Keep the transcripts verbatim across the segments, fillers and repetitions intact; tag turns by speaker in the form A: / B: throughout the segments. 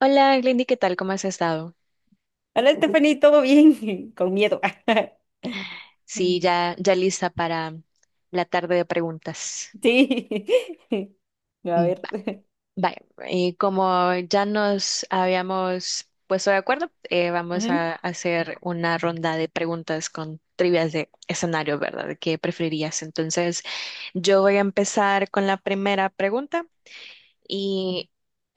A: Hola, Glendy, ¿qué tal? ¿Cómo has estado?
B: Hola, Stephanie, ¿todo bien? Con miedo.
A: Sí, ya, ya lista para la tarde de preguntas.
B: Sí. A
A: Mm,
B: ver.
A: va- Vaya, eh, como ya nos habíamos puesto de acuerdo, eh, vamos
B: Ujú.
A: a hacer una ronda de preguntas con trivias de escenario, ¿verdad? ¿De ¿Qué preferirías? Entonces, yo voy a empezar con la primera pregunta. Y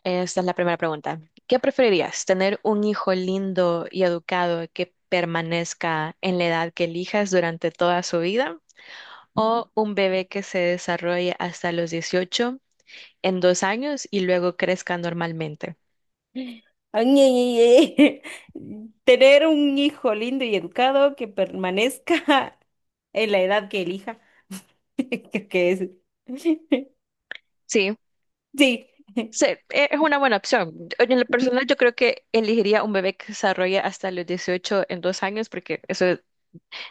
A: Esta es la primera pregunta. ¿Qué preferirías? ¿Tener un hijo lindo y educado que permanezca en la edad que elijas durante toda su vida? ¿O un bebé que se desarrolle hasta los dieciocho en dos años y luego crezca normalmente?
B: Ay, ay, ay, ay. Tener un hijo lindo y educado que permanezca en la edad que elija. Creo que es.
A: Sí,
B: Sí.
A: sí, e- es una buena opción. Yo- En lo
B: Mm,
A: personal, yo creo que elegiría un bebé que se desarrolle hasta los dieciocho en dos años porque eso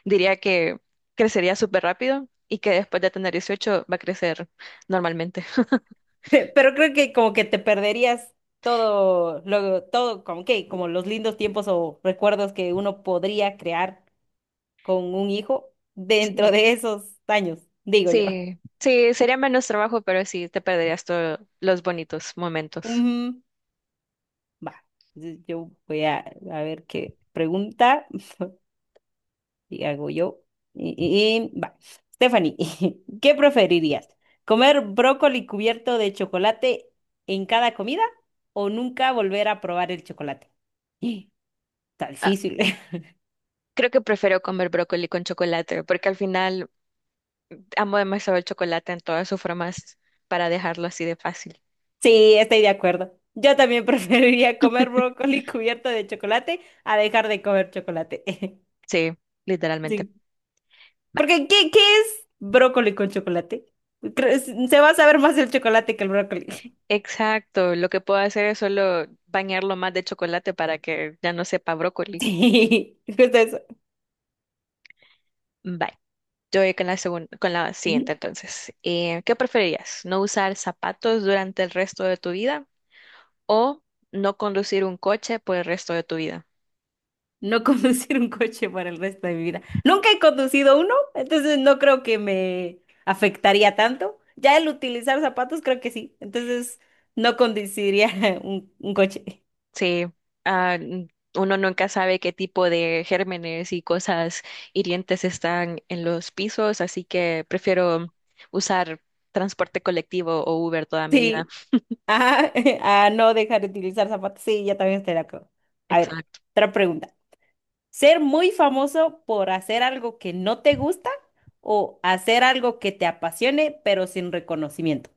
A: diría que crecería súper rápido y que después de tener dieciocho va a crecer normalmente.
B: Pe- Pero creo que como que te perderías todo, lo, todo, como que, como los lindos tiempos o recuerdos que uno podría crear con un hijo dentro
A: Sí,
B: de esos años, digo yo.
A: sí, sí, sería menos trabajo, pero sí, te perderías todos los bonitos momentos.
B: Ujú. Va, entonces yo voy a, a ver qué pregunta y hago yo. Y, y- y- va, Stephanie, ¿qué preferirías? ¿Comer brócoli cubierto de chocolate en cada comida o nunca volver a probar el chocolate? Está
A: Ah,
B: difícil.
A: creo que prefiero comer brócoli con chocolate, porque al final amo demasiado el chocolate en todas sus formas para dejarlo así de fácil.
B: Sí, estoy de acuerdo. Yo también preferiría comer brócoli cubierto de chocolate a dejar de comer chocolate.
A: Sí, literalmente.
B: Sí.
A: Ba-
B: Porque, ¿qué, ¿qué es brócoli con chocolate? Creo- Se va a saber más el chocolate que el brócoli.
A: Exacto, lo que puedo hacer es solo bañarlo más de chocolate para que ya no sepa brócoli.
B: Sí, justo eso.
A: Bye. Yo voy con la segunda, con la siguiente
B: Ujú.
A: entonces. Eh, ¿qué preferirías? ¿No usar zapatos durante el resto de tu vida o no conducir un coche por el resto de tu vida?
B: No conducir un coche para el resto de mi vida. Nunca he conducido uno, entonces no creo que me afectaría tanto. Ya el utilizar zapatos creo que sí, entonces no conduciría un, un coche.
A: Sí, ah, n- uno nunca sabe qué tipo de gérmenes y cosas hirientes están en los pisos, así que prefiero usar transporte colectivo o Uber toda mi vida.
B: Sí, ah, a no dejar de utilizar zapatos. Sí, ya también estoy de acuerdo. A ver, otra pregunta. ¿Ser muy famoso por hacer algo que no te gusta o hacer algo que te apasione pero sin reconocimiento?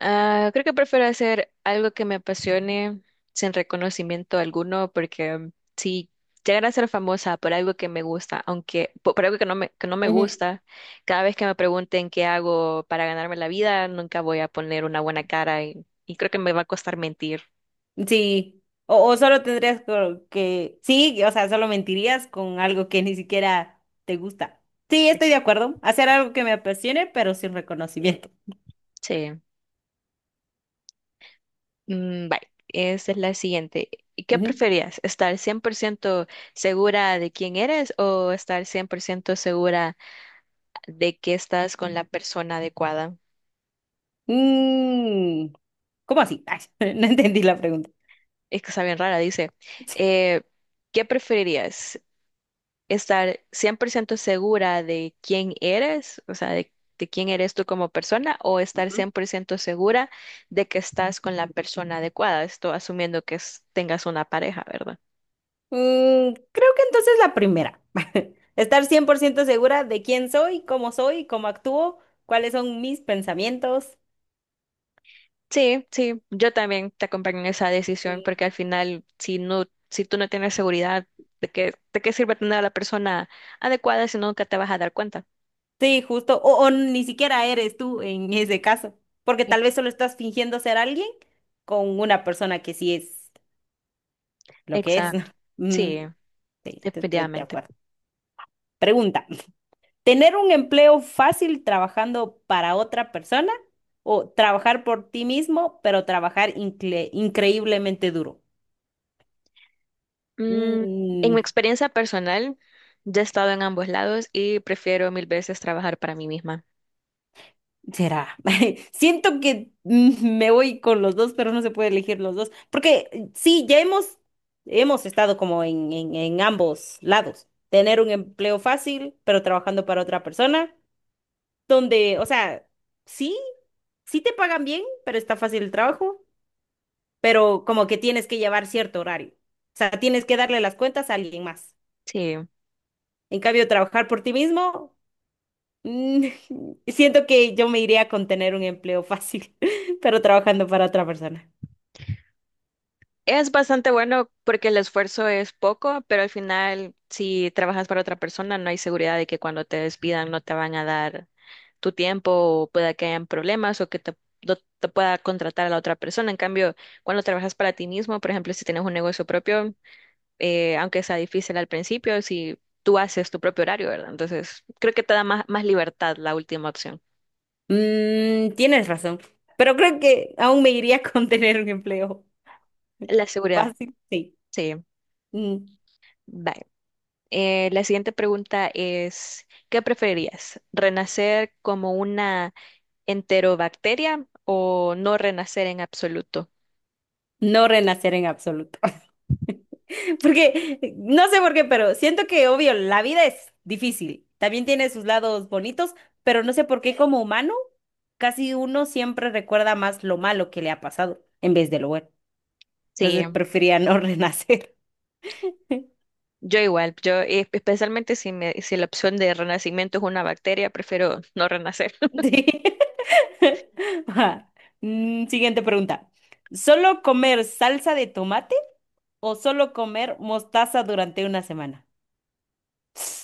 A: Ah, creo que prefiero hacer algo que me apasione sin reconocimiento alguno, porque mm, si llegara a ser famosa por algo que me gusta, aunque po- por algo que no me, que no me
B: Ujú.
A: gusta, cada vez que me pregunten qué hago para ganarme la vida, nunca voy a poner una buena cara y, y creo que me va a costar mentir.
B: Sí, o, o solo tendrías co- que, sí, o sea, solo mentirías con algo que ni siquiera te gusta. Sí, estoy de acuerdo. Hacer algo que me apasione pero sin reconocimiento.
A: Sí. Mm, bye. Esa es la siguiente. ¿Y ¿Qué
B: Ujú.
A: preferías? ¿Estar cien por ciento segura de quién eres o estar cien por ciento segura de que estás con la persona adecuada?
B: Mm, ¿cómo así? Ay, no entendí la pregunta.
A: Es que está bien rara, dice, eh, ¿qué preferirías? ¿Estar cien por ciento segura de quién eres, o sea, de, de quién eres tú como persona, o estar
B: Ujú.
A: cien por ciento segura de que estás con la persona adecuada? Esto asumiendo que es- tengas una pareja, ¿verdad?
B: Mm, creo que entonces la primera. Estar cien por ciento segura de quién soy, cómo soy, cómo actúo, cuáles son mis pensamientos.
A: Sí, sí, yo también te acompaño en esa decisión
B: Sí.
A: porque al final, si no, si tú no tienes seguridad, ¿de qué, de qué sirve tener a la persona adecuada si no, nunca te vas a dar cuenta?
B: Sí, justo. O, o ni siquiera eres tú en ese caso, porque
A: E-
B: tal vez solo estás fingiendo ser alguien con una persona que sí es lo que es. ¿No?
A: Exacto,
B: Mm,
A: sí,
B: sí, te- te- de
A: definitivamente.
B: acuerdo. Pregunta. ¿Tener un empleo fácil trabajando para otra persona o trabajar por ti mismo, pero trabajar incre- increíblemente duro?
A: Mm, en mi
B: Mm,
A: experiencia personal, ya he estado en ambos lados y prefiero mil veces trabajar para mí misma.
B: será. Siento que mm, me voy con los dos, pero no se puede elegir los dos. Porque eh, sí, ya hemos, hemos estado como en, en, en ambos lados. Tener un empleo fácil, pero trabajando para otra persona, donde, o sea, sí, sí te pagan bien, pero está fácil el trabajo, pero como que tienes que llevar cierto horario. O sea, tienes que darle las cuentas a alguien más.
A: Sí,
B: En cambio, trabajar por ti mismo. Mm. Siento que yo me iría con tener un empleo fácil, pero trabajando para otra persona.
A: es bastante bueno porque el esfuerzo es poco, pero al final, si trabajas para otra persona, no hay seguridad de que cuando te despidan no te van a dar tu tiempo o pueda que hayan problemas o que te, no te pueda contratar a la otra persona. En cambio, cuando trabajas para ti mismo, por ejemplo, si tienes un negocio propio, eh, aunque sea difícil al principio, si tú haces tu propio horario, ¿verdad? Entonces, creo que te da más, más libertad la última opción.
B: Mm, tienes razón, pero creo que aún me iría con tener un empleo
A: La seguridad,
B: fácil, sí.
A: sí.
B: Mm.
A: Vale. Eh, la siguiente pregunta es, ¿qué preferirías? ¿Renacer como una enterobacteria o no renacer en absoluto?
B: No renacer en absoluto. Porque, eh, no sé por qué, pero siento que, obvio, la vida es difícil. También tiene sus lados bonitos, pero no sé por qué como humano, casi uno siempre recuerda más lo malo que le ha pasado en vez de lo bueno.
A: Sí,
B: Entonces, prefería no renacer.
A: yo igual, yo eh, especialmente si, me- si la opción de renacimiento es una bacteria, prefiero no renacer.
B: Sí. Ajá. Mm. Siguiente pregunta. ¿Solo comer salsa de tomate o solo comer mostaza durante una semana?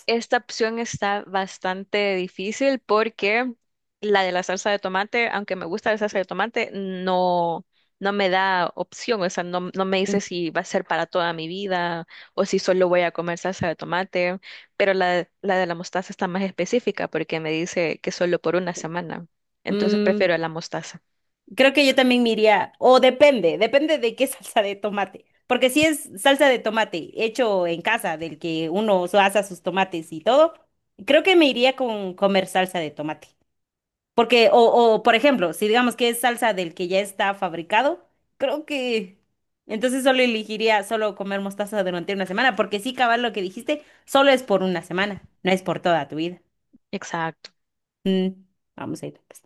A: Esta opción está bastante difícil porque la de la salsa de tomate, aunque me gusta la salsa de tomate, no, no me da opción, o sea, no, no me
B: Mm.
A: dice si va a ser para toda mi vida o si solo voy a comer salsa de tomate, pero la, la de la mostaza está más específica porque me dice que solo por una semana. Entonces
B: Mm,
A: prefiero la mostaza.
B: creo que yo también me iría, o depende, depende de qué salsa de tomate. Porque si es salsa de tomate hecho en casa, del que uno so- asa sus tomates y todo, creo que me iría con comer salsa de tomate. Porque, o, o por ejemplo, si digamos que es salsa del que ya está fabricado, creo que entonces solo elegiría solo comer mostaza durante una semana, porque sí, cabal, lo que dijiste, solo es por una semana, no es por toda tu vida.
A: Exacto.
B: Mm, vamos a ir, pues.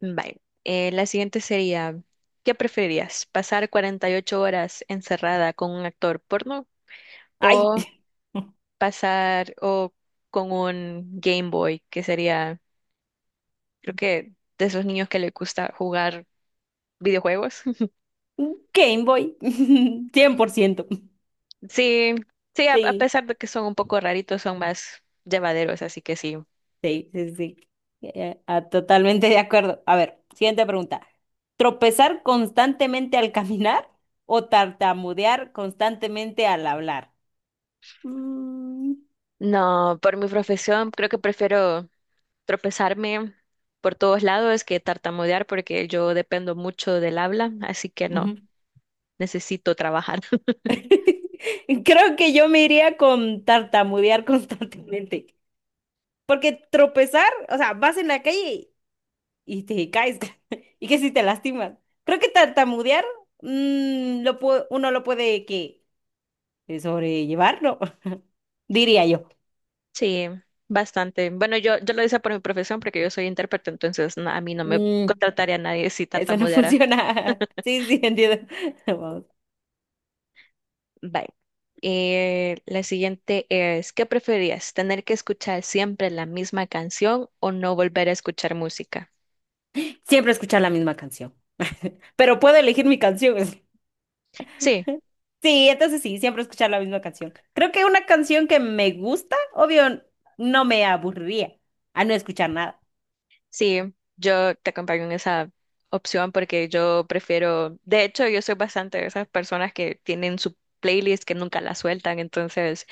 A: Vale. Eh, la siguiente sería, ¿qué preferirías? ¿Pasar cuarenta y ocho horas encerrada con un actor porno
B: Ay,
A: o pasar o con un Game Boy, que sería, creo que de esos niños que les gusta jugar videojuegos?
B: Game Boy, cien por ciento.
A: Sí, sí, a, a
B: Sí,
A: pesar de que son un poco raritos, son más llevaderos, así que sí.
B: sí, sí, sí. Eh, ah, totalmente de acuerdo. A ver, siguiente pregunta. ¿Tropezar constantemente al caminar o tartamudear constantemente al hablar? Mm.
A: No, por mi profesión creo que prefiero tropezarme por todos lados que tartamudear porque yo dependo mucho del habla, así que no,
B: Ujú.
A: necesito trabajar.
B: Creo que yo me iría con tartamudear constantemente. Porque tropezar, o sea, vas en la calle y te caes. Y que si te lastimas. Creo que tartamudear, mm, lo pu- uno lo puede que sobrellevar, ¿no? Diría yo.
A: Sí, bastante. Bueno, yo, yo lo hice por mi profesión porque yo soy intérprete, entonces na- a mí no me
B: Mm,
A: contrataría a nadie si
B: eso no
A: tartamudeara.
B: funciona. Sí, sí, entiendo. Vamos.
A: Bye. Eh, la siguiente es, ¿qué preferías? ¿Tener que escuchar siempre la misma canción o no volver a escuchar música?
B: Siempre escuchar la misma canción. Pero puedo elegir mi canción.
A: Sí,
B: Sí, entonces sí, siempre escuchar la misma canción. Creo que una canción que me gusta, obvio, no me aburriría a no escuchar nada.
A: sí, yo te acompaño en esa opción porque yo prefiero, de hecho, yo soy bastante de esas personas que tienen su playlist que nunca la sueltan, entonces,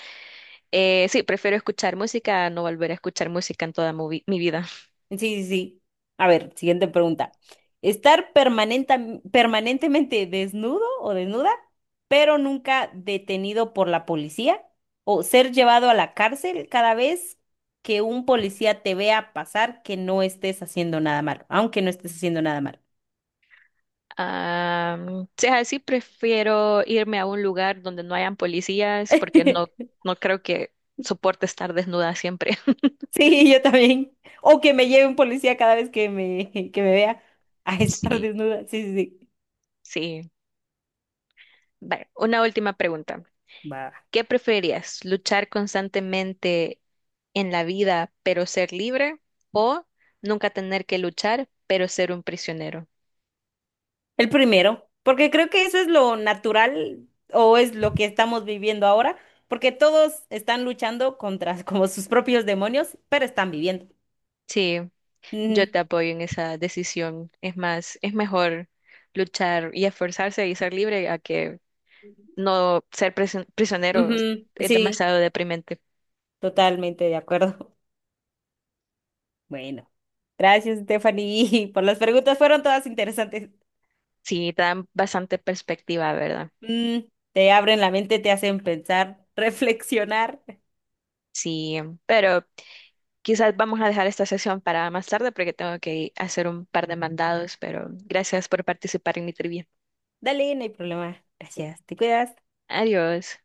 A: eh, sí, prefiero escuchar música a no volver a escuchar música en toda movi- mi vida.
B: Sí, sí, sí. A ver, siguiente pregunta. ¿Estar permanenta- permanentemente desnudo o desnuda, pero nunca detenido por la policía? ¿O ser llevado a la cárcel cada vez que un policía te vea pasar que no estés haciendo nada malo, aunque no estés haciendo nada malo?
A: Ah, si es así, prefiero irme a un lugar donde no hayan policías porque no, no creo que soporte estar desnuda siempre.
B: Sí, yo también. O que me lleve un policía cada vez que me, que me vea a estar
A: Sí,
B: desnuda. Sí, sí, sí.
A: sí. Vale, una última pregunta.
B: Va.
A: ¿Qué preferirías? ¿Luchar constantemente en la vida pero ser libre o nunca tener que luchar pero ser un prisionero?
B: El primero, porque creo que eso es lo natural o es lo que estamos viviendo ahora, porque todos están luchando contra como sus propios demonios, pero están viviendo.
A: Sí, yo
B: Ujú,
A: te apoyo en esa decisión. Es más, es mejor luchar y esforzarse y ser libre a que no ser presi- prisionero
B: ujú.
A: es
B: Sí,
A: demasiado deprimente.
B: totalmente de acuerdo. Bueno, gracias, Stephanie, por las preguntas, fueron todas interesantes.
A: Sí, te dan bastante perspectiva, ¿verdad?
B: Mm, te abren la mente, te hacen pensar, reflexionar.
A: Sí, pero quizás vamos a dejar esta sesión para más tarde porque tengo que hacer un par de mandados, pero gracias por participar en mi trivia.
B: Dale, no hay problema. Gracias. Te cuidas.
A: Adiós.